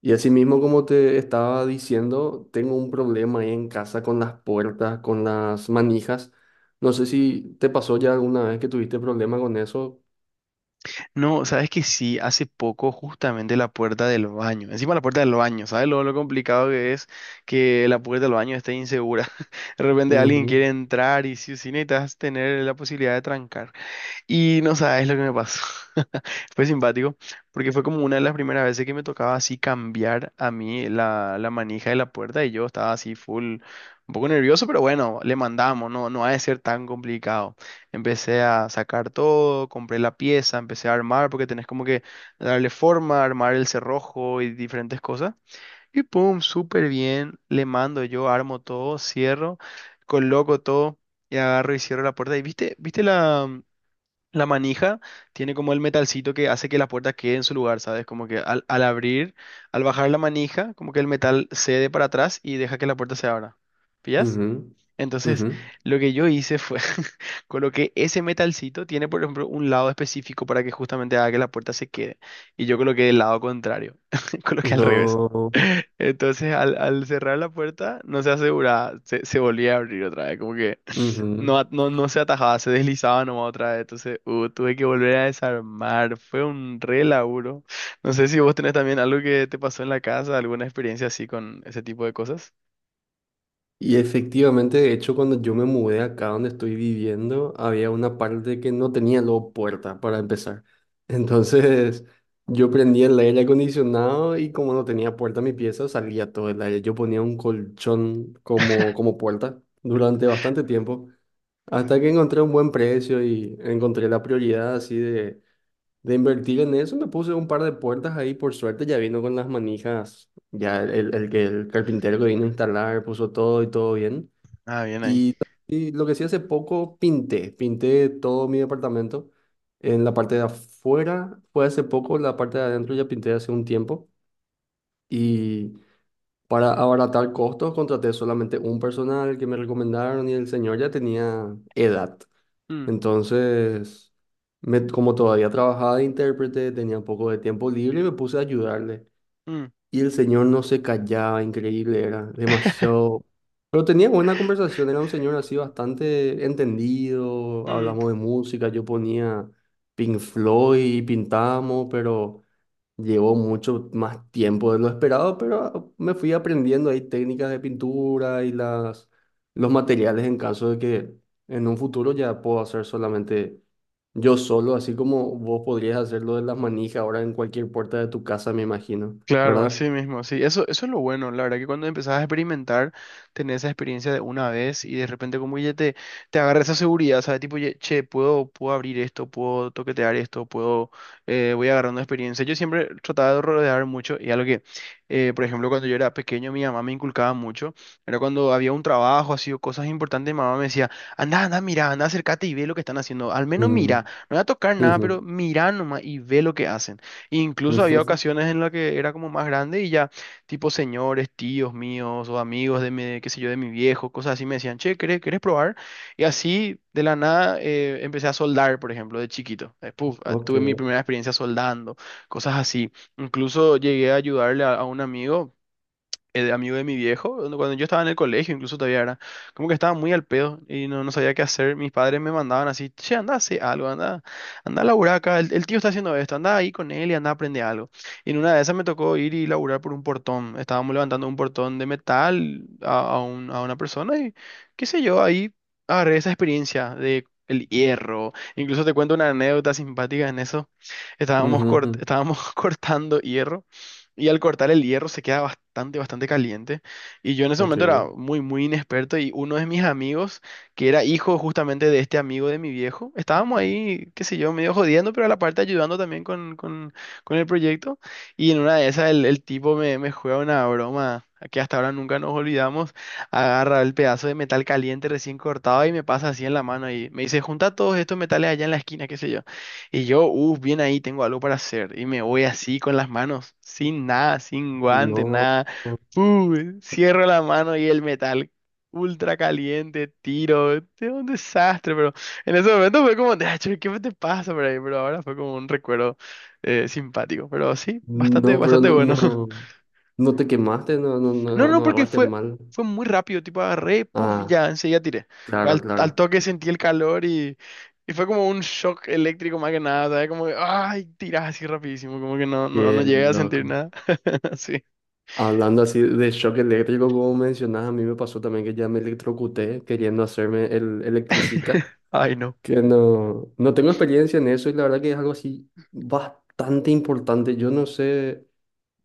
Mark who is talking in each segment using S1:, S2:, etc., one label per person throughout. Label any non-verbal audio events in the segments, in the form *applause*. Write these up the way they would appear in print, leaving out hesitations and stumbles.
S1: Y así mismo, como te estaba diciendo, tengo un problema ahí en casa con las puertas, con las manijas. No sé si te pasó ya alguna vez que tuviste problema con eso.
S2: No, sabes que sí, hace poco justamente la puerta del baño, encima la puerta del baño, ¿sabes lo complicado que es que la puerta del baño esté insegura? *laughs* De repente alguien quiere
S1: Ujú,
S2: entrar y si o sí necesitas tener la posibilidad de trancar. Y no sabes lo que me pasó. *laughs* Fue simpático, porque fue como una de las primeras veces que me tocaba así cambiar a mí la manija de la puerta y yo estaba así full, un poco nervioso, pero bueno, le mandamos, no, no ha de ser tan complicado. Empecé a sacar todo, compré la pieza, empecé a armar, porque tenés como que darle forma, armar el cerrojo y diferentes cosas. Y pum, súper bien, le mando yo, armo todo, cierro, coloco todo y agarro y cierro la puerta. Y viste, viste la... La manija tiene como el metalcito que hace que la puerta quede en su lugar, ¿sabes? Como que al abrir, al bajar la manija, como que el metal cede para atrás y deja que la puerta se abra. ¿Pillas?
S1: ujú,
S2: Entonces,
S1: ujú.
S2: lo que yo hice fue, *laughs* coloqué ese metalcito, tiene por ejemplo un lado específico para que justamente haga que la puerta se quede. Y yo coloqué el lado contrario, *laughs* coloqué al revés.
S1: No.
S2: *laughs* Entonces, al cerrar la puerta, no se aseguraba, se volvía a abrir otra vez, como que
S1: Ujú.
S2: no, no se atajaba, se deslizaba nomás otra vez. Entonces, tuve que volver a desarmar. Fue un re laburo. No sé si vos tenés también algo que te pasó en la casa, alguna experiencia así con ese tipo de cosas.
S1: Y efectivamente, de hecho, cuando yo me mudé acá donde estoy viviendo, había una parte que no tenía luego puerta para empezar. *laughs* Entonces, yo prendía el aire acondicionado y como no tenía puerta en mi pieza, salía todo el aire. Yo ponía un colchón como puerta durante bastante tiempo, hasta que encontré un buen precio y encontré la prioridad así de invertir en eso. Me puse un par de puertas ahí, por suerte ya vino con las manijas. Ya el carpintero que vino a instalar puso todo y todo bien.
S2: Ah, bien ahí.
S1: Y, y lo que sí hace poco pinté, pinté todo mi departamento. En la parte de afuera fue hace poco, la parte de adentro ya pinté hace un tiempo. Y para abaratar costos contraté solamente un personal que me recomendaron y el señor ya tenía edad.
S2: Mm,
S1: Entonces, como todavía trabajaba de intérprete, tenía un poco de tiempo libre y me puse a ayudarle.
S2: mm,
S1: Y el señor no se callaba, increíble era,
S2: *laughs*
S1: demasiado... Pero tenía buena conversación, era un señor así bastante entendido, hablamos
S2: mm.
S1: de música, yo ponía Pink Floyd y pintamos, pero llevó mucho más tiempo de lo esperado, pero me fui aprendiendo ahí técnicas de pintura y las, los materiales en caso de que en un futuro ya puedo hacer solamente yo solo, así como vos podrías hacerlo de las manijas ahora en cualquier puerta de tu casa, me imagino,
S2: Claro,
S1: ¿verdad?
S2: así mismo, sí. Eso es lo bueno, la verdad que cuando empezás a experimentar, tenés esa experiencia de una vez y de repente como que ya te agarra esa seguridad, ¿sabes? Tipo, che, puedo abrir esto, puedo toquetear esto, voy agarrando experiencia. Yo siempre trataba de rodear mucho y algo que, por ejemplo, cuando yo era pequeño, mi mamá me inculcaba mucho, era cuando había un trabajo, así o cosas importantes, mi mamá me decía, anda, anda, mira, anda, acércate y ve lo que están haciendo, al menos mira,
S1: Mm,
S2: no voy a tocar nada, pero
S1: ujú,
S2: mira nomás y ve lo que hacen. Incluso había
S1: ujú,
S2: ocasiones en las que era como más grande y ya, tipo señores, tíos míos o amigos de mi, qué sé yo, de mi viejo, cosas así, me decían, che, ¿querés probar? Y así, de la nada, empecé a soldar, por ejemplo, de chiquito.
S1: ok,
S2: Tuve mi primera experiencia soldando, cosas así. Incluso llegué a ayudarle a un amigo, el amigo de mi viejo, cuando yo estaba en el colegio, incluso todavía era, como que estaba muy al pedo y no sabía qué hacer. Mis padres me mandaban así, che, anda a hacer algo, anda, anda a laburar acá, el tío está haciendo esto, anda ahí con él y anda a aprender algo. Y en una de esas me tocó ir y laburar por un portón. Estábamos levantando un portón de metal a a una persona y qué sé yo, ahí agarré esa experiencia de... El hierro. Incluso te cuento una anécdota simpática en eso. Estábamos,
S1: ujú, ujú,
S2: estábamos *laughs* cortando hierro y al cortar el hierro se queda bastante, bastante caliente. Y yo en ese
S1: ok.
S2: momento era muy, muy inexperto y uno de mis amigos, que era hijo justamente de este amigo de mi viejo, estábamos ahí, qué sé yo, medio jodiendo, pero a la parte ayudando también con el proyecto. Y en una de esas el tipo me juega una broma que hasta ahora nunca nos olvidamos. Agarra el pedazo de metal caliente recién cortado y me pasa así en la mano y me dice, junta todos estos metales allá en la esquina, qué sé yo. Y yo, uff, bien ahí, tengo algo para hacer. Y me voy así con las manos, sin nada, sin guante,
S1: No,
S2: nada. Pu, Cierro la mano y el metal ultra caliente, tiro. Es un desastre, pero en ese momento fue como, "Ah, che, ¿qué te pasa por ahí?". Pero ahora fue como un recuerdo simpático. Pero sí, bastante,
S1: no, pero
S2: bastante
S1: no,
S2: bueno. *laughs*
S1: no, no te quemaste, no, no, no,
S2: No,
S1: no
S2: no,
S1: no
S2: porque
S1: agarraste
S2: fue,
S1: mal.
S2: fue muy rápido, tipo agarré, puff, y
S1: Ah,
S2: ya, enseguida tiré.
S1: claro,
S2: Al
S1: claro.
S2: toque sentí el calor y, fue como un shock eléctrico más que nada, ¿sabes? Como que, ay, tirás así rapidísimo, como que no
S1: Qué
S2: llegué a sentir
S1: loco.
S2: nada. *laughs* Sí.
S1: Hablando así de shock eléctrico, como mencionas, a mí me pasó también que ya me electrocuté queriendo hacerme el electricista,
S2: Ay, no.
S1: que no, no tengo experiencia en eso y la verdad que es algo así bastante importante. Yo no sé.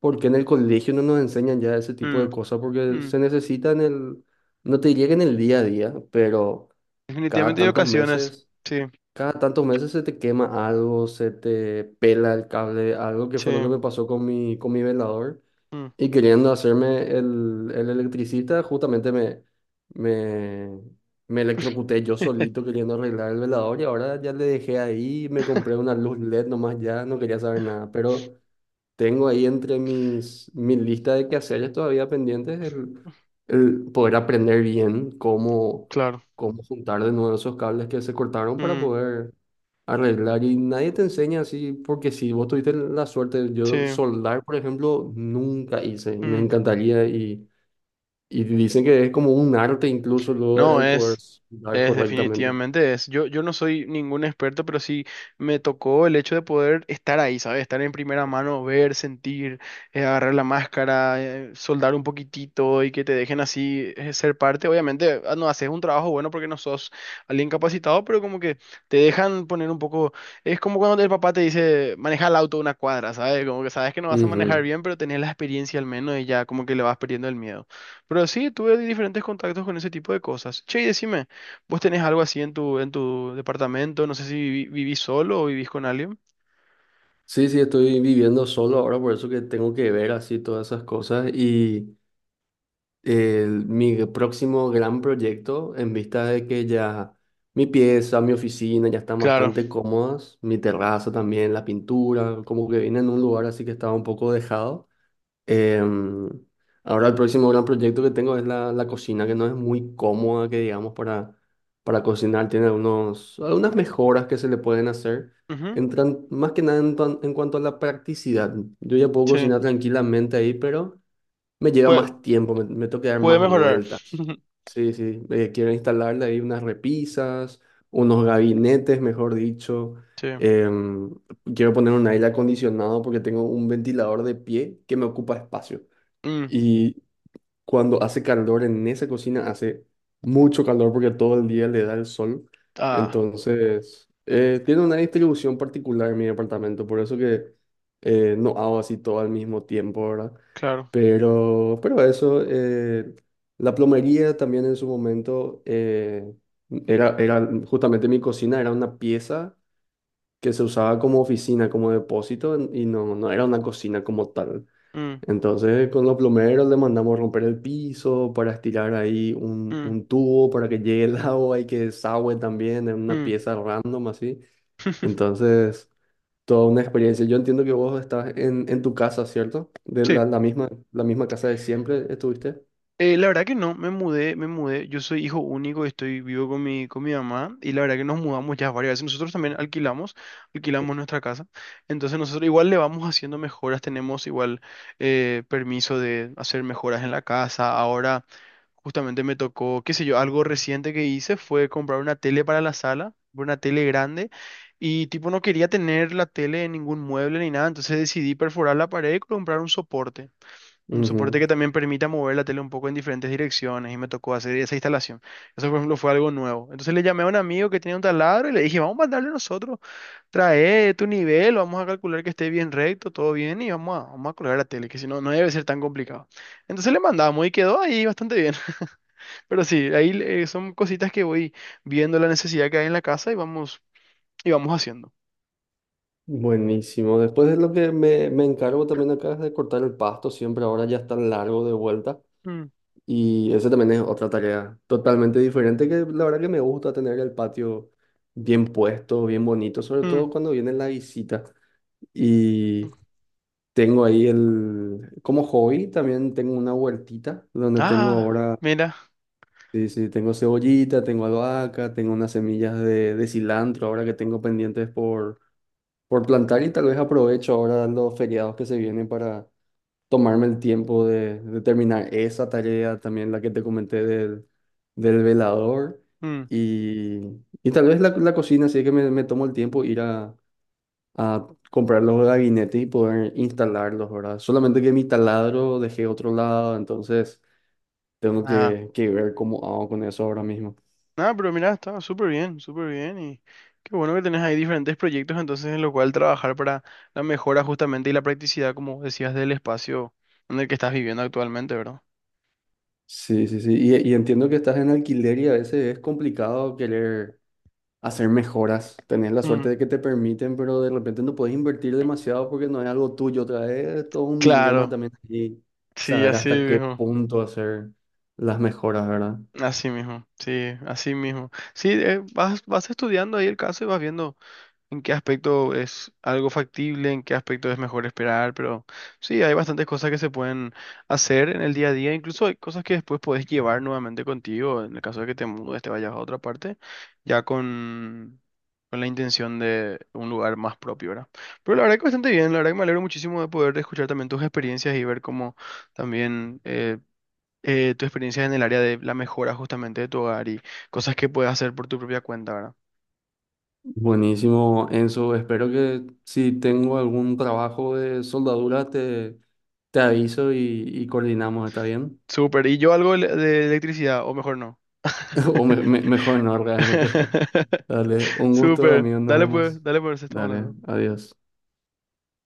S1: Porque en el colegio no nos enseñan ya ese tipo
S2: Mm,
S1: de cosas, porque
S2: mm.
S1: se necesita en no te llega en el día a día, pero cada
S2: Definitivamente hay
S1: tantos
S2: ocasiones.
S1: meses,
S2: Sí,
S1: cada tantos meses se te quema algo, se te pela el cable, algo que
S2: sí.
S1: fue lo que me pasó con mi velador.
S2: Mm,
S1: Y queriendo hacerme el electricista, justamente me, me electrocuté yo solito queriendo arreglar el velador y ahora ya le dejé ahí, me compré
S2: *laughs*
S1: una luz LED nomás ya, no quería saber nada, pero... Tengo ahí entre mis, mi lista de quehaceres todavía pendientes el poder aprender bien
S2: claro.
S1: cómo juntar de nuevo esos cables que se cortaron para
S2: Mm,
S1: poder arreglar. Y nadie te enseña así, porque si vos tuviste la suerte,
S2: sí.
S1: yo soldar, por ejemplo, nunca hice. Me
S2: Mm.
S1: encantaría y dicen que es como un arte incluso luego
S2: No,
S1: el poder
S2: es,
S1: soldar
S2: es
S1: correctamente.
S2: definitivamente es. Yo no soy ningún experto, pero sí me tocó el hecho de poder estar ahí, ¿sabes? Estar en primera mano, ver, sentir, agarrar la máscara, soldar un poquitito y que te dejen así ser parte. Obviamente, no haces un trabajo bueno porque no sos alguien capacitado, pero como que te dejan poner un poco. Es como cuando el papá te dice, maneja el auto una cuadra, ¿sabes? Como que sabes que no vas a manejar
S1: Ujú.
S2: bien, pero tenés la experiencia al menos y ya como que le vas perdiendo el miedo. Pero sí, tuve diferentes contactos con ese tipo de cosas. Che, y decime, ¿vos tenés algo así en en tu departamento? No sé si vivís solo o vivís con alguien.
S1: Sí, sí, estoy viviendo solo ahora, por eso que tengo que ver así todas esas cosas y... mi próximo gran proyecto, en vista de que ya mi pieza, mi oficina ya están
S2: Claro.
S1: bastante cómodas, mi terraza también, la pintura, como que vine en un lugar así que estaba un poco dejado. Em, ahora el próximo gran proyecto que tengo es la cocina, que no es muy cómoda, que digamos, para cocinar, tiene algunos, algunas mejoras que se le pueden hacer.
S2: Ujú,
S1: Entran, más que nada en, en cuanto a la practicidad. Yo ya puedo
S2: sí.
S1: cocinar tranquilamente ahí, pero... Me lleva
S2: Puede,
S1: más tiempo, me tengo que dar
S2: puede
S1: más
S2: mejorar.
S1: vueltas.
S2: *laughs*
S1: Sí, sí, quiero instalarle ahí unas repisas, unos gabinetes, mejor dicho.
S2: Sí.
S1: Em, quiero poner un aire acondicionado porque tengo un ventilador de pie que me ocupa espacio.
S2: Mm,
S1: Y cuando hace calor en esa cocina, hace mucho calor porque todo el día le da el sol.
S2: ah,
S1: Entonces, tiene una distribución particular en mi departamento, por eso que no hago así todo al mismo tiempo, ¿verdad?
S2: claro.
S1: Pero eso, la plomería también en su momento era, era justamente mi cocina, era una pieza que se usaba como oficina, como depósito, y no, no era una cocina como tal.
S2: Mm,
S1: Entonces, con los plomeros le mandamos romper el piso para estirar ahí
S2: mm,
S1: un tubo para que llegue el agua y que desagüe también en una
S2: mm.
S1: pieza random así.
S2: *laughs*
S1: Entonces, toda una experiencia. Yo entiendo que vos estás en tu casa, ¿cierto? De
S2: Sí.
S1: la misma casa de siempre estuviste.
S2: La verdad que no, me mudé, me mudé. Yo soy hijo único, estoy vivo con mi mamá y la verdad que nos mudamos ya varias veces. Nosotros también alquilamos nuestra casa. Entonces nosotros igual le vamos haciendo mejoras, tenemos igual permiso de hacer mejoras en la casa. Ahora justamente me tocó, qué sé yo, algo reciente que hice fue comprar una tele para la sala, una tele grande y tipo no quería tener la tele en ningún mueble ni nada, entonces decidí perforar la pared y comprar un soporte. Un
S1: Ujú.
S2: soporte que también permita mover la tele un poco en diferentes direcciones y me tocó hacer esa instalación. Eso, por ejemplo, fue algo nuevo. Entonces le llamé a un amigo que tenía un taladro y le dije, vamos a mandarle nosotros, trae tu nivel, vamos a calcular que esté bien recto, todo bien y vamos a colgar la tele, que si no, no debe ser tan complicado. Entonces le mandamos y quedó ahí bastante bien. *laughs* Pero sí, ahí son cositas que voy viendo la necesidad que hay en la casa y vamos haciendo.
S1: Buenísimo. Después de lo que me encargo también acá es de cortar el pasto, siempre ahora ya está largo de vuelta.
S2: Mm,
S1: Y eso también es otra tarea totalmente diferente que la verdad que me gusta tener el patio bien puesto, bien bonito, sobre
S2: mm.
S1: todo cuando viene la visita. Y tengo ahí el, como hobby, también tengo una huertita donde tengo
S2: Ah,
S1: ahora,
S2: mira.
S1: sí, sí, tengo cebollita, tengo albahaca, tengo unas semillas de cilantro ahora que tengo pendientes por plantar y tal vez aprovecho ahora los feriados que se vienen para tomarme el tiempo de terminar esa tarea, también la que te comenté del, del velador
S2: Mm,
S1: y, y tal vez la cocina, así que me tomo el tiempo ir a comprar los gabinetes y poder instalarlos, ¿verdad? Solamente que mi taladro dejé otro lado, entonces tengo
S2: ah.
S1: que ver cómo hago con eso ahora mismo.
S2: Nada, pero mira, estaba súper bien y qué bueno que tenés ahí diferentes proyectos entonces en lo cual trabajar para la mejora justamente y la practicidad, como decías, del espacio en el que estás viviendo actualmente, ¿verdad?
S1: Sí, sí, sí. Y entiendo que estás en alquiler y a veces es complicado querer hacer mejoras. Tenés la
S2: Mm,
S1: suerte de que te permiten, pero de repente no puedes invertir demasiado porque no es algo tuyo. Otra vez, todo un dilema
S2: claro,
S1: también aquí,
S2: sí,
S1: saber
S2: así
S1: hasta qué
S2: mismo,
S1: punto hacer las mejoras, ¿verdad?
S2: así mismo. Sí, vas estudiando ahí el caso y vas viendo. En qué aspecto es algo factible, en qué aspecto es mejor esperar, pero sí, hay bastantes cosas que se pueden hacer en el día a día, incluso hay cosas que después podés llevar nuevamente contigo, en el caso de que te mudes, te vayas a otra parte, ya con la intención de un lugar más propio, ¿verdad? Pero la verdad que bastante bien, la verdad que me alegro muchísimo de poder escuchar también tus experiencias y ver cómo también... tu experiencia en el área de la mejora justamente de tu hogar y cosas que puedes hacer por tu propia cuenta, ¿verdad?
S1: Buenísimo, Enzo. Espero que si tengo algún trabajo de soldadura, te aviso y coordinamos, ¿está bien?
S2: Súper. ¿Y yo algo de electricidad? O mejor no.
S1: *laughs* O mejor no, realmente.
S2: *laughs*
S1: *laughs* Dale, un gusto,
S2: Súper.
S1: amigos, nos vemos.
S2: Dale pues, estamos
S1: Dale,
S2: hablando.
S1: adiós.